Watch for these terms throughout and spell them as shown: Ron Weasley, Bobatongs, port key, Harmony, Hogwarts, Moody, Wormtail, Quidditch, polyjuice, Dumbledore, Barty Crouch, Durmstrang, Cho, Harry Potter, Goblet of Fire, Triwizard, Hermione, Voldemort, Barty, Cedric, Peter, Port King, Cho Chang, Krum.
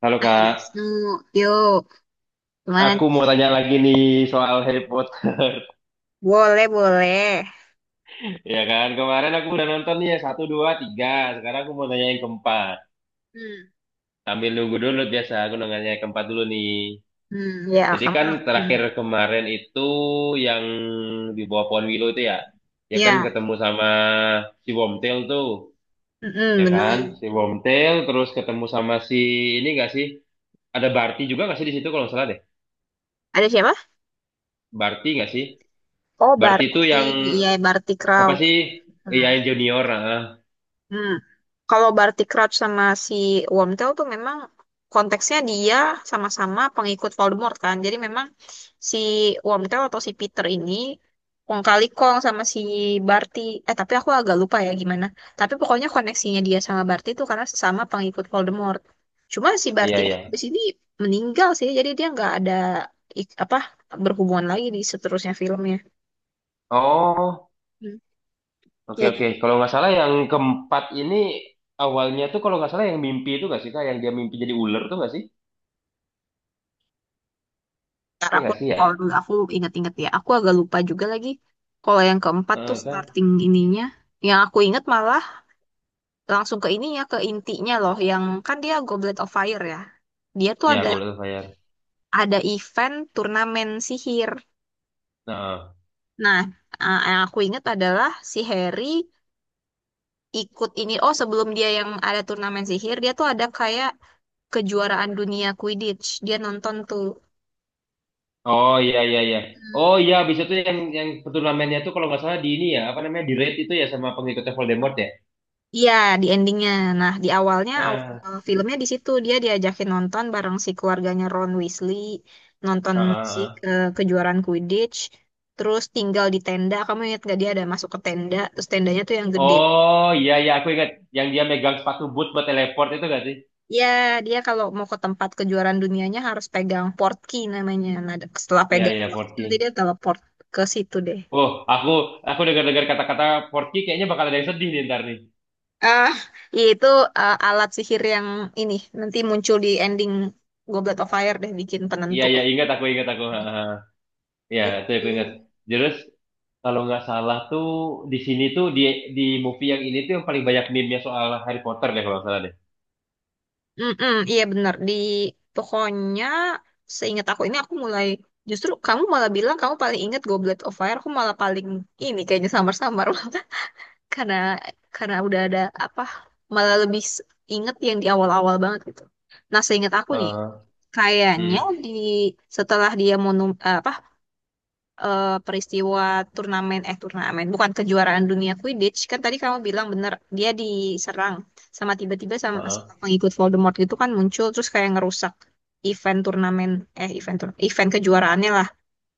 Halo Ah, Kak, Wisnu, yuk. Gimana aku nih? mau tanya lagi nih soal Harry Potter. Boleh, boleh. Ya kan, kemarin aku udah nonton nih ya, satu, dua, tiga. Sekarang aku mau nanya yang keempat. Hmm, Sambil nunggu dulu biasa, aku nanya yang keempat dulu nih. hmm, ya, Jadi kan kamu. terakhir Hmm, kemarin itu yang di bawah pohon Willow itu ya, ya kan ya, ketemu sama si Wormtail tuh, hmm, ya kan, benar. si Wormtail terus ketemu sama si ini gak sih? Ada Barty juga gak sih di situ kalau nggak salah deh? Ada siapa? Barty gak sih? Oh, Barty Bart. itu yang Iya, Barty apa Crouch. sih? Iya Hmm. yang junior, ah. Hmm. Kalau Barty Crouch sama si Wormtail tuh memang konteksnya dia sama-sama pengikut Voldemort kan. Jadi memang si Wormtail atau si Peter ini kong kali kong sama si Barty. Eh tapi aku agak lupa ya gimana. Tapi pokoknya koneksinya dia sama Barty itu karena sesama pengikut Voldemort. Cuma si Barty Iya, ini iya. habis ini meninggal sih. Jadi dia nggak ada apa berhubungan lagi di seterusnya filmnya. Oh, Hmm. oke, Ya, oke. Kalau nggak salah yang keempat ini awalnya tuh kalau nggak salah yang mimpi itu nggak sih, Kak? Yang dia mimpi jadi ular tuh nggak sih? ntar Iya aku nggak sih ya? recall dulu, aku inget-inget ya. Aku agak lupa juga lagi. Kalau yang keempat tuh Eh, kan? starting ininya. Yang aku inget malah langsung ke ininya, ke intinya loh. Yang kan dia Goblet of Fire ya. Dia tuh Ya, ada gue udah bayar. ada event turnamen sihir. Nah, eh. Nah, yang aku inget adalah si Harry ikut ini. Oh, sebelum dia yang ada turnamen sihir, dia tuh ada kayak kejuaraan dunia Quidditch. Dia nonton tuh. Oh iya, iya, iya. Oh iya, abis itu yang turnamennya tuh kalau nggak salah di ini ya, apa namanya, di raid itu ya sama pengikutnya Voldemort ya? Iya, di endingnya. Nah, di awalnya Ah, awal filmnya di situ dia diajakin nonton bareng si keluarganya Ron Weasley, nonton ah, si ah, ah. Kejuaraan Quidditch, terus tinggal di tenda. Kamu ingat gak dia ada masuk ke tenda, terus tendanya tuh yang gede. Oh iya, iya, aku ingat. Yang dia megang sepatu boot buat teleport itu nggak sih? Ya, dia kalau mau ke tempat kejuaraan dunianya harus pegang port key namanya. Nah, setelah Iya, pegang iya, port Port key, King. nanti dia teleport ke situ deh. Oh, aku dengar-dengar kata-kata Port King kayaknya bakal ada yang sedih nih ntar nih. Ah, itu alat sihir yang ini nanti muncul di ending Goblet of Fire deh bikin Iya, penentu. iya, ingat aku, ingat aku. Ha, ha. Iya, itu aku ingat. Gitu. Terus, kalau nggak salah tuh, di sini tuh, di movie yang ini tuh yang paling banyak meme-nya soal Harry Potter deh, kalau nggak salah deh. Mm-mm, iya benar. Pokoknya seingat aku ini aku mulai justru kamu malah bilang kamu paling ingat Goblet of Fire, aku malah paling ini kayaknya samar-samar karena karena udah ada apa malah lebih inget yang di awal-awal banget gitu. Nah, seingat aku nih, Heeh. Hmm. kayaknya di setelah dia peristiwa turnamen eh turnamen bukan kejuaraan dunia Quidditch kan tadi kamu bilang bener dia diserang sama tiba-tiba sama Heeh. pengikut Voldemort gitu kan muncul terus kayak ngerusak event turnamen eh event tur- event kejuaraannya lah.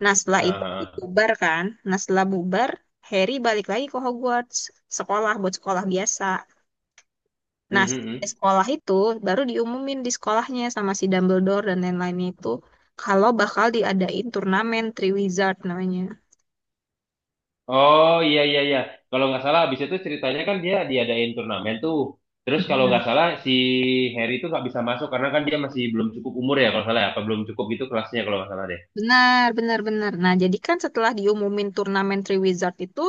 Nah setelah itu Heeh. bubar kan, nah setelah bubar Harry balik lagi ke Hogwarts sekolah buat sekolah biasa. Hmm, Nah hmm, di hmm. sekolah itu baru diumumin di sekolahnya sama si Dumbledore dan lain-lainnya itu kalau bakal diadain turnamen Triwizard namanya. Oh, iya, iya, iya. Kalau nggak salah, abis itu ceritanya kan dia diadain turnamen tuh. Terus kalau Mhm. nggak salah, si Harry itu nggak bisa masuk, karena kan dia masih belum cukup umur ya, kalau nggak salah ya. Apa belum cukup gitu kelasnya, kalau nggak salah deh. Benar, benar, benar. Nah, jadi kan setelah diumumin turnamen Three Wizard itu,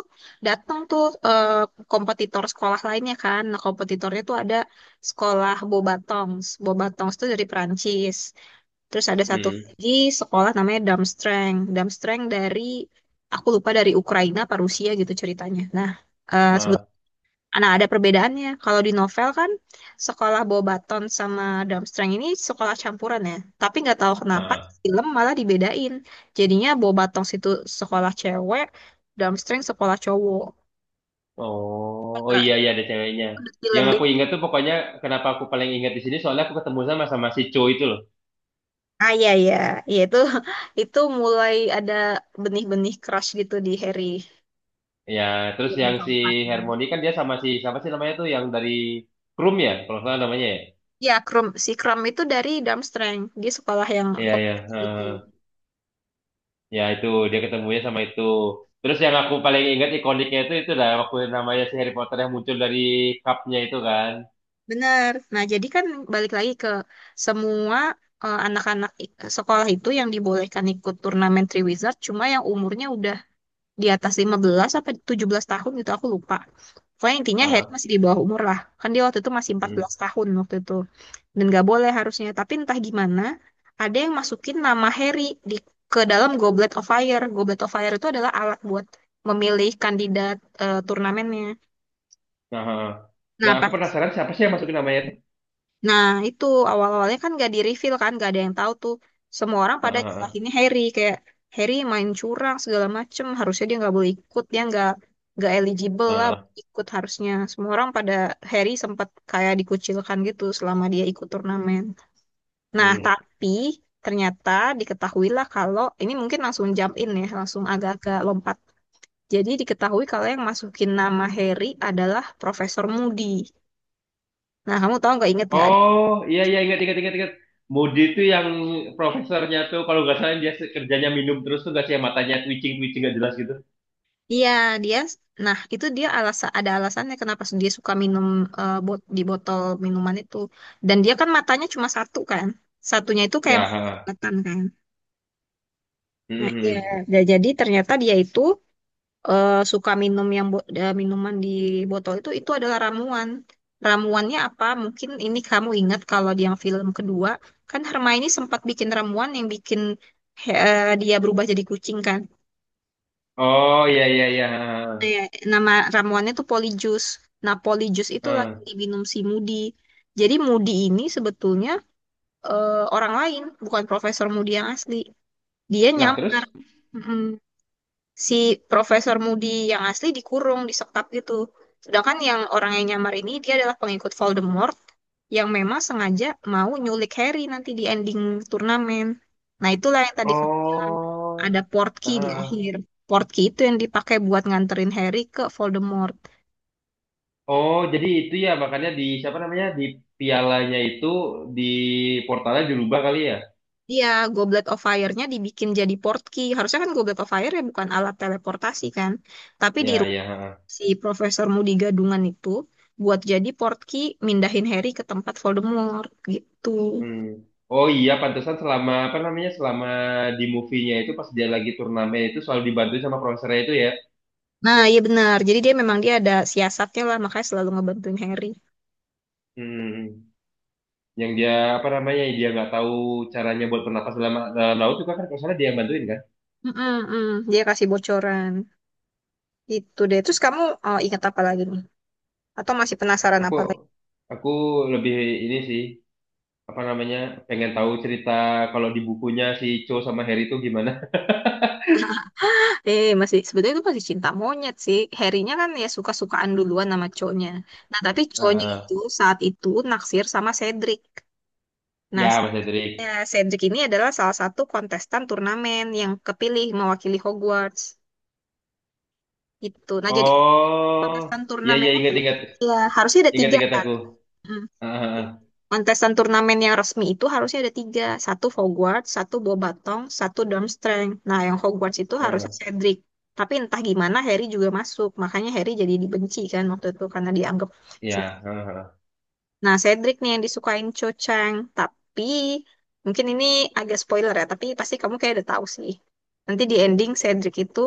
datang tuh kompetitor sekolah lainnya kan. Nah, kompetitornya tuh ada sekolah Bobatongs. Bobatongs tuh dari Perancis. Terus ada satu Hmm. lagi sekolah namanya Darmstrang. Darmstrang dari, aku lupa dari Ukraina apa Rusia gitu ceritanya. Nah, eh, sebetulnya Nah, ada perbedaannya. Kalau di novel kan sekolah Bobaton sama Durmstrang ini sekolah campuran ya. Tapi nggak tahu kenapa di Heeh. film malah dibedain. Jadinya Bobaton itu sekolah cewek, Durmstrang sekolah cowok. Oh Agak iya iya ada ceweknya. itu detail Yang yang aku beda. ingat tuh pokoknya kenapa aku paling ingat di sini soalnya aku ketemu sama sama si Cho itu loh. Ah iya iya, iya itu itu mulai ada benih-benih crush gitu di Harry. Ya, terus Filmnya yang si keempat. Harmony kan dia sama si siapa sih namanya tuh yang dari Krum ya, kalau nggak salah namanya ya. Ya, Krum, si Krum itu dari Durmstrang. Dia sekolah yang Iya iya, populer itu. Ya itu dia ketemunya sama itu. Terus yang aku paling ingat ikoniknya itu dah waktu namanya si Harry Potter yang muncul dari cupnya itu kan. Benar. Nah, jadi kan balik lagi ke semua anak-anak sekolah itu yang dibolehkan ikut turnamen Three Wizard, cuma yang umurnya udah di atas 15 sampai 17 tahun gitu aku lupa. Pokoknya intinya Harry Heeh. masih di bawah umur lah. Kan dia waktu itu masih empat Hmm. belas tahun waktu itu. Dan gak boleh harusnya. Tapi entah gimana, ada yang masukin nama Harry di ke dalam Goblet of Fire. Goblet of Fire itu adalah alat buat memilih kandidat turnamennya. Nah, heeh. Nah Nah, aku pas penasaran siapa sih yang masukin namanya itu? Nah, itu awal-awalnya kan gak di-reveal kan, gak ada yang tahu tuh. Semua orang pada Heeh, heeh, nyalahinnya Harry, kayak Harry main curang segala macem, harusnya dia nggak boleh ikut, dia nggak eligible lah heeh. buat ikut harusnya. Semua orang pada Harry sempat kayak dikucilkan gitu selama dia ikut turnamen. Nah, Hmm. tapi ternyata diketahuilah kalau ini mungkin langsung jump in ya, langsung agak-agak lompat. Jadi diketahui kalau yang masukin nama Harry adalah Profesor Moody. Nah, kamu tahu nggak inget nggak? Oh iya iya ingat ingat ingat ingat. Moody itu yang profesornya tuh kalau nggak salah dia kerjanya minum terus tuh nggak sih yang matanya twitching twitching nggak jelas gitu. Iya, dia. Nah, itu dia alasan ada alasannya kenapa dia suka minum di botol minuman itu. Dan dia kan matanya cuma satu kan. Satunya itu kayak Ya. mata Ha. kelihatan kan. Nah, iya. Mhm. Nah, jadi ternyata dia itu suka minum minuman di botol itu adalah ramuan. Ramuannya apa? Mungkin ini kamu ingat kalau di yang film kedua kan Hermione sempat bikin ramuan yang bikin dia berubah jadi kucing kan. Oh iya iya iya. ha, Iya, nama ramuannya tuh polyjuice. Nah, polyjuice itu ha. lagi Ha. diminum si Moody. Jadi Moody ini sebetulnya orang lain, bukan Profesor Moody yang asli. Dia Lah terus? nyamar. Mm-mm. Si Profesor Moody yang asli dikurung, disekap gitu. Sedangkan yang orang yang nyamar ini dia adalah pengikut Voldemort yang memang sengaja mau nyulik Harry nanti di ending turnamen. Nah, itulah yang tadi kamu bilang Oh. ada ha, portkey di ha. akhir. Portkey itu yang dipakai buat nganterin Harry ke Voldemort. Oh jadi itu ya makanya di siapa namanya di pialanya itu di portalnya dirubah kali ya? Iya, Goblet of Fire-nya dibikin jadi portkey. Harusnya kan Goblet of Fire ya bukan alat teleportasi kan. Tapi di Ya rumah ya. Ha. si Profesor Moody Gadungan itu buat jadi portkey mindahin Harry ke tempat Voldemort gitu. Hmm. Oh iya, pantesan selama apa namanya selama di movie-nya itu pas dia lagi turnamen itu selalu dibantu sama profesornya itu ya. Nah, iya benar. Jadi dia ada siasatnya lah, makanya selalu ngebantuin Harry. Hmm. Yang dia apa namanya dia nggak tahu caranya buat bernapas dalam dalam laut juga kan kalau salah dia yang bantuin kan. Mm-mm-mm. Dia kasih bocoran. Gitu deh. Terus kamu ingat apa lagi nih? Atau masih penasaran Aku apa? aku lebih ini sih apa namanya pengen tahu cerita kalau di bukunya si Cho sama Harry itu gimana. Eh, masih Sebetulnya itu masih cinta monyet sih. Harrynya kan ya suka-sukaan duluan sama cowoknya. Nah, tapi cowoknya Heeh. itu saat itu naksir sama Cedric. Nah, Ya Mas ya, Hendrik. Cedric ini adalah salah satu kontestan turnamen yang kepilih mewakili Hogwarts. Gitu. Nah, jadi kontestan Oh ya ya turnamen ingat itu ingat ya harusnya ada ingat tiga ingat kan. aku. Hmm. Heeh, heeh, Kontestan turnamen yang resmi itu harusnya ada tiga. Satu Hogwarts, satu Bobatong, satu Durmstrang. Nah, yang Hogwarts itu harusnya heeh. Cedric. Tapi entah gimana Harry juga masuk. Makanya Harry jadi dibenci kan waktu itu karena dianggap curang. Ya heeh, heeh. Nah, Cedric nih yang disukain Cho Chang. Tapi mungkin ini agak spoiler ya. Tapi pasti kamu kayak udah tahu sih. Nanti di ending Cedric itu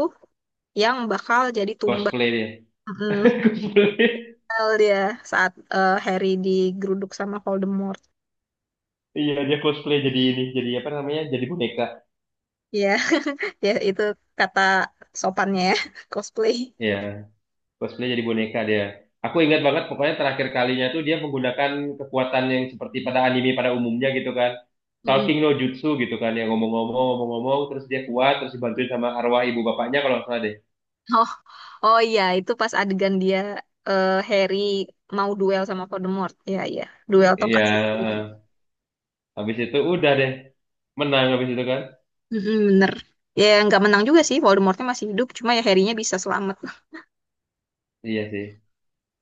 yang bakal jadi tumbal. Cosplay dia. Mm, Cosplay. Tumbal dia saat Harry digeruduk sama Voldemort. Iya, dia cosplay jadi ini, jadi apa namanya? Jadi boneka. Iya, ya itu kata sopannya ya, cosplay. Iya, cosplay jadi boneka dia. Aku ingat banget pokoknya terakhir kalinya tuh dia menggunakan kekuatan yang seperti pada anime pada umumnya gitu kan. Mm-mm. Talking no jutsu gitu kan, yang ngomong-ngomong, ngomong-ngomong, terus dia kuat, terus dibantuin sama arwah ibu bapaknya kalau nggak salah deh. Oh, oh iya, itu pas adegan Harry mau duel sama Voldemort. Iya, iya, duel Iya, tongkat sihir. habis itu udah deh, menang habis itu kan. Mm-mm, bener. Ya nggak menang juga sih, Voldemortnya masih hidup, cuma ya Harry-nya bisa selamat. Iya sih.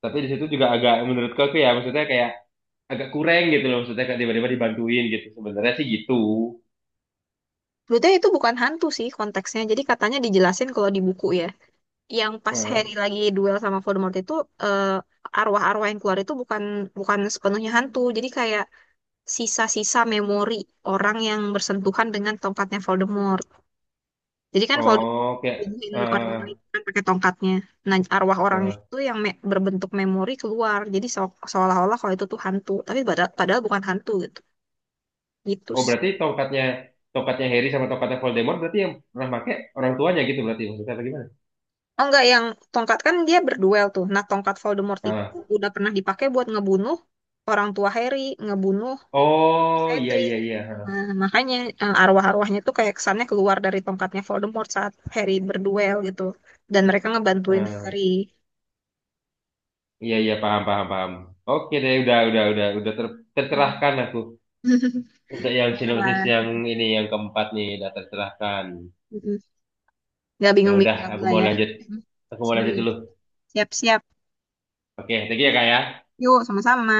Tapi di situ juga agak menurutku aku ya, maksudnya kayak agak kurang gitu loh, maksudnya kayak tiba-tiba dibantuin gitu. Sebenarnya sih gitu. Sebetulnya itu bukan hantu sih konteksnya, jadi katanya dijelasin kalau di buku ya. Yang pas Heeh. Harry lagi duel sama Voldemort itu arwah-arwah yang keluar itu bukan bukan sepenuhnya hantu, jadi kayak sisa-sisa memori orang yang bersentuhan dengan tongkatnya Voldemort. Jadi kan Voldemort Oh, kayak bunuhin eh orang-orang itu kan pakai tongkatnya. Nah, arwah orangnya eh. itu yang berbentuk memori keluar. Jadi seolah-olah kalau itu tuh hantu, tapi padahal bukan hantu gitu. Gitu oh sih. berarti tongkatnya tongkatnya Harry sama tongkatnya Voldemort berarti yang pernah pakai orang tuanya gitu berarti maksudnya apa gimana? Oh enggak, yang tongkat kan dia berduel tuh. Nah, tongkat Voldemort itu Ah. udah pernah dipakai buat ngebunuh orang tua Harry, ngebunuh Oh iya Cedric. iya iya. Nah, makanya arwah-arwahnya tuh kayak kesannya keluar dari tongkatnya Voldemort saat Harry berduel gitu. Dan mereka Ah, ngebantuin Harry. ah. iya iya paham paham paham. Oke deh udah tercerahkan aku Nah, untuk yang sinopsis lah. yang ini yang keempat nih udah tercerahkan. Mm-mm. Nggak Ya udah bingung-bingung aku lah mau ya. lanjut aku mau lanjut Siap. dulu. Siap-siap. Oke, thank you ya kak ya. Yuk, sama-sama.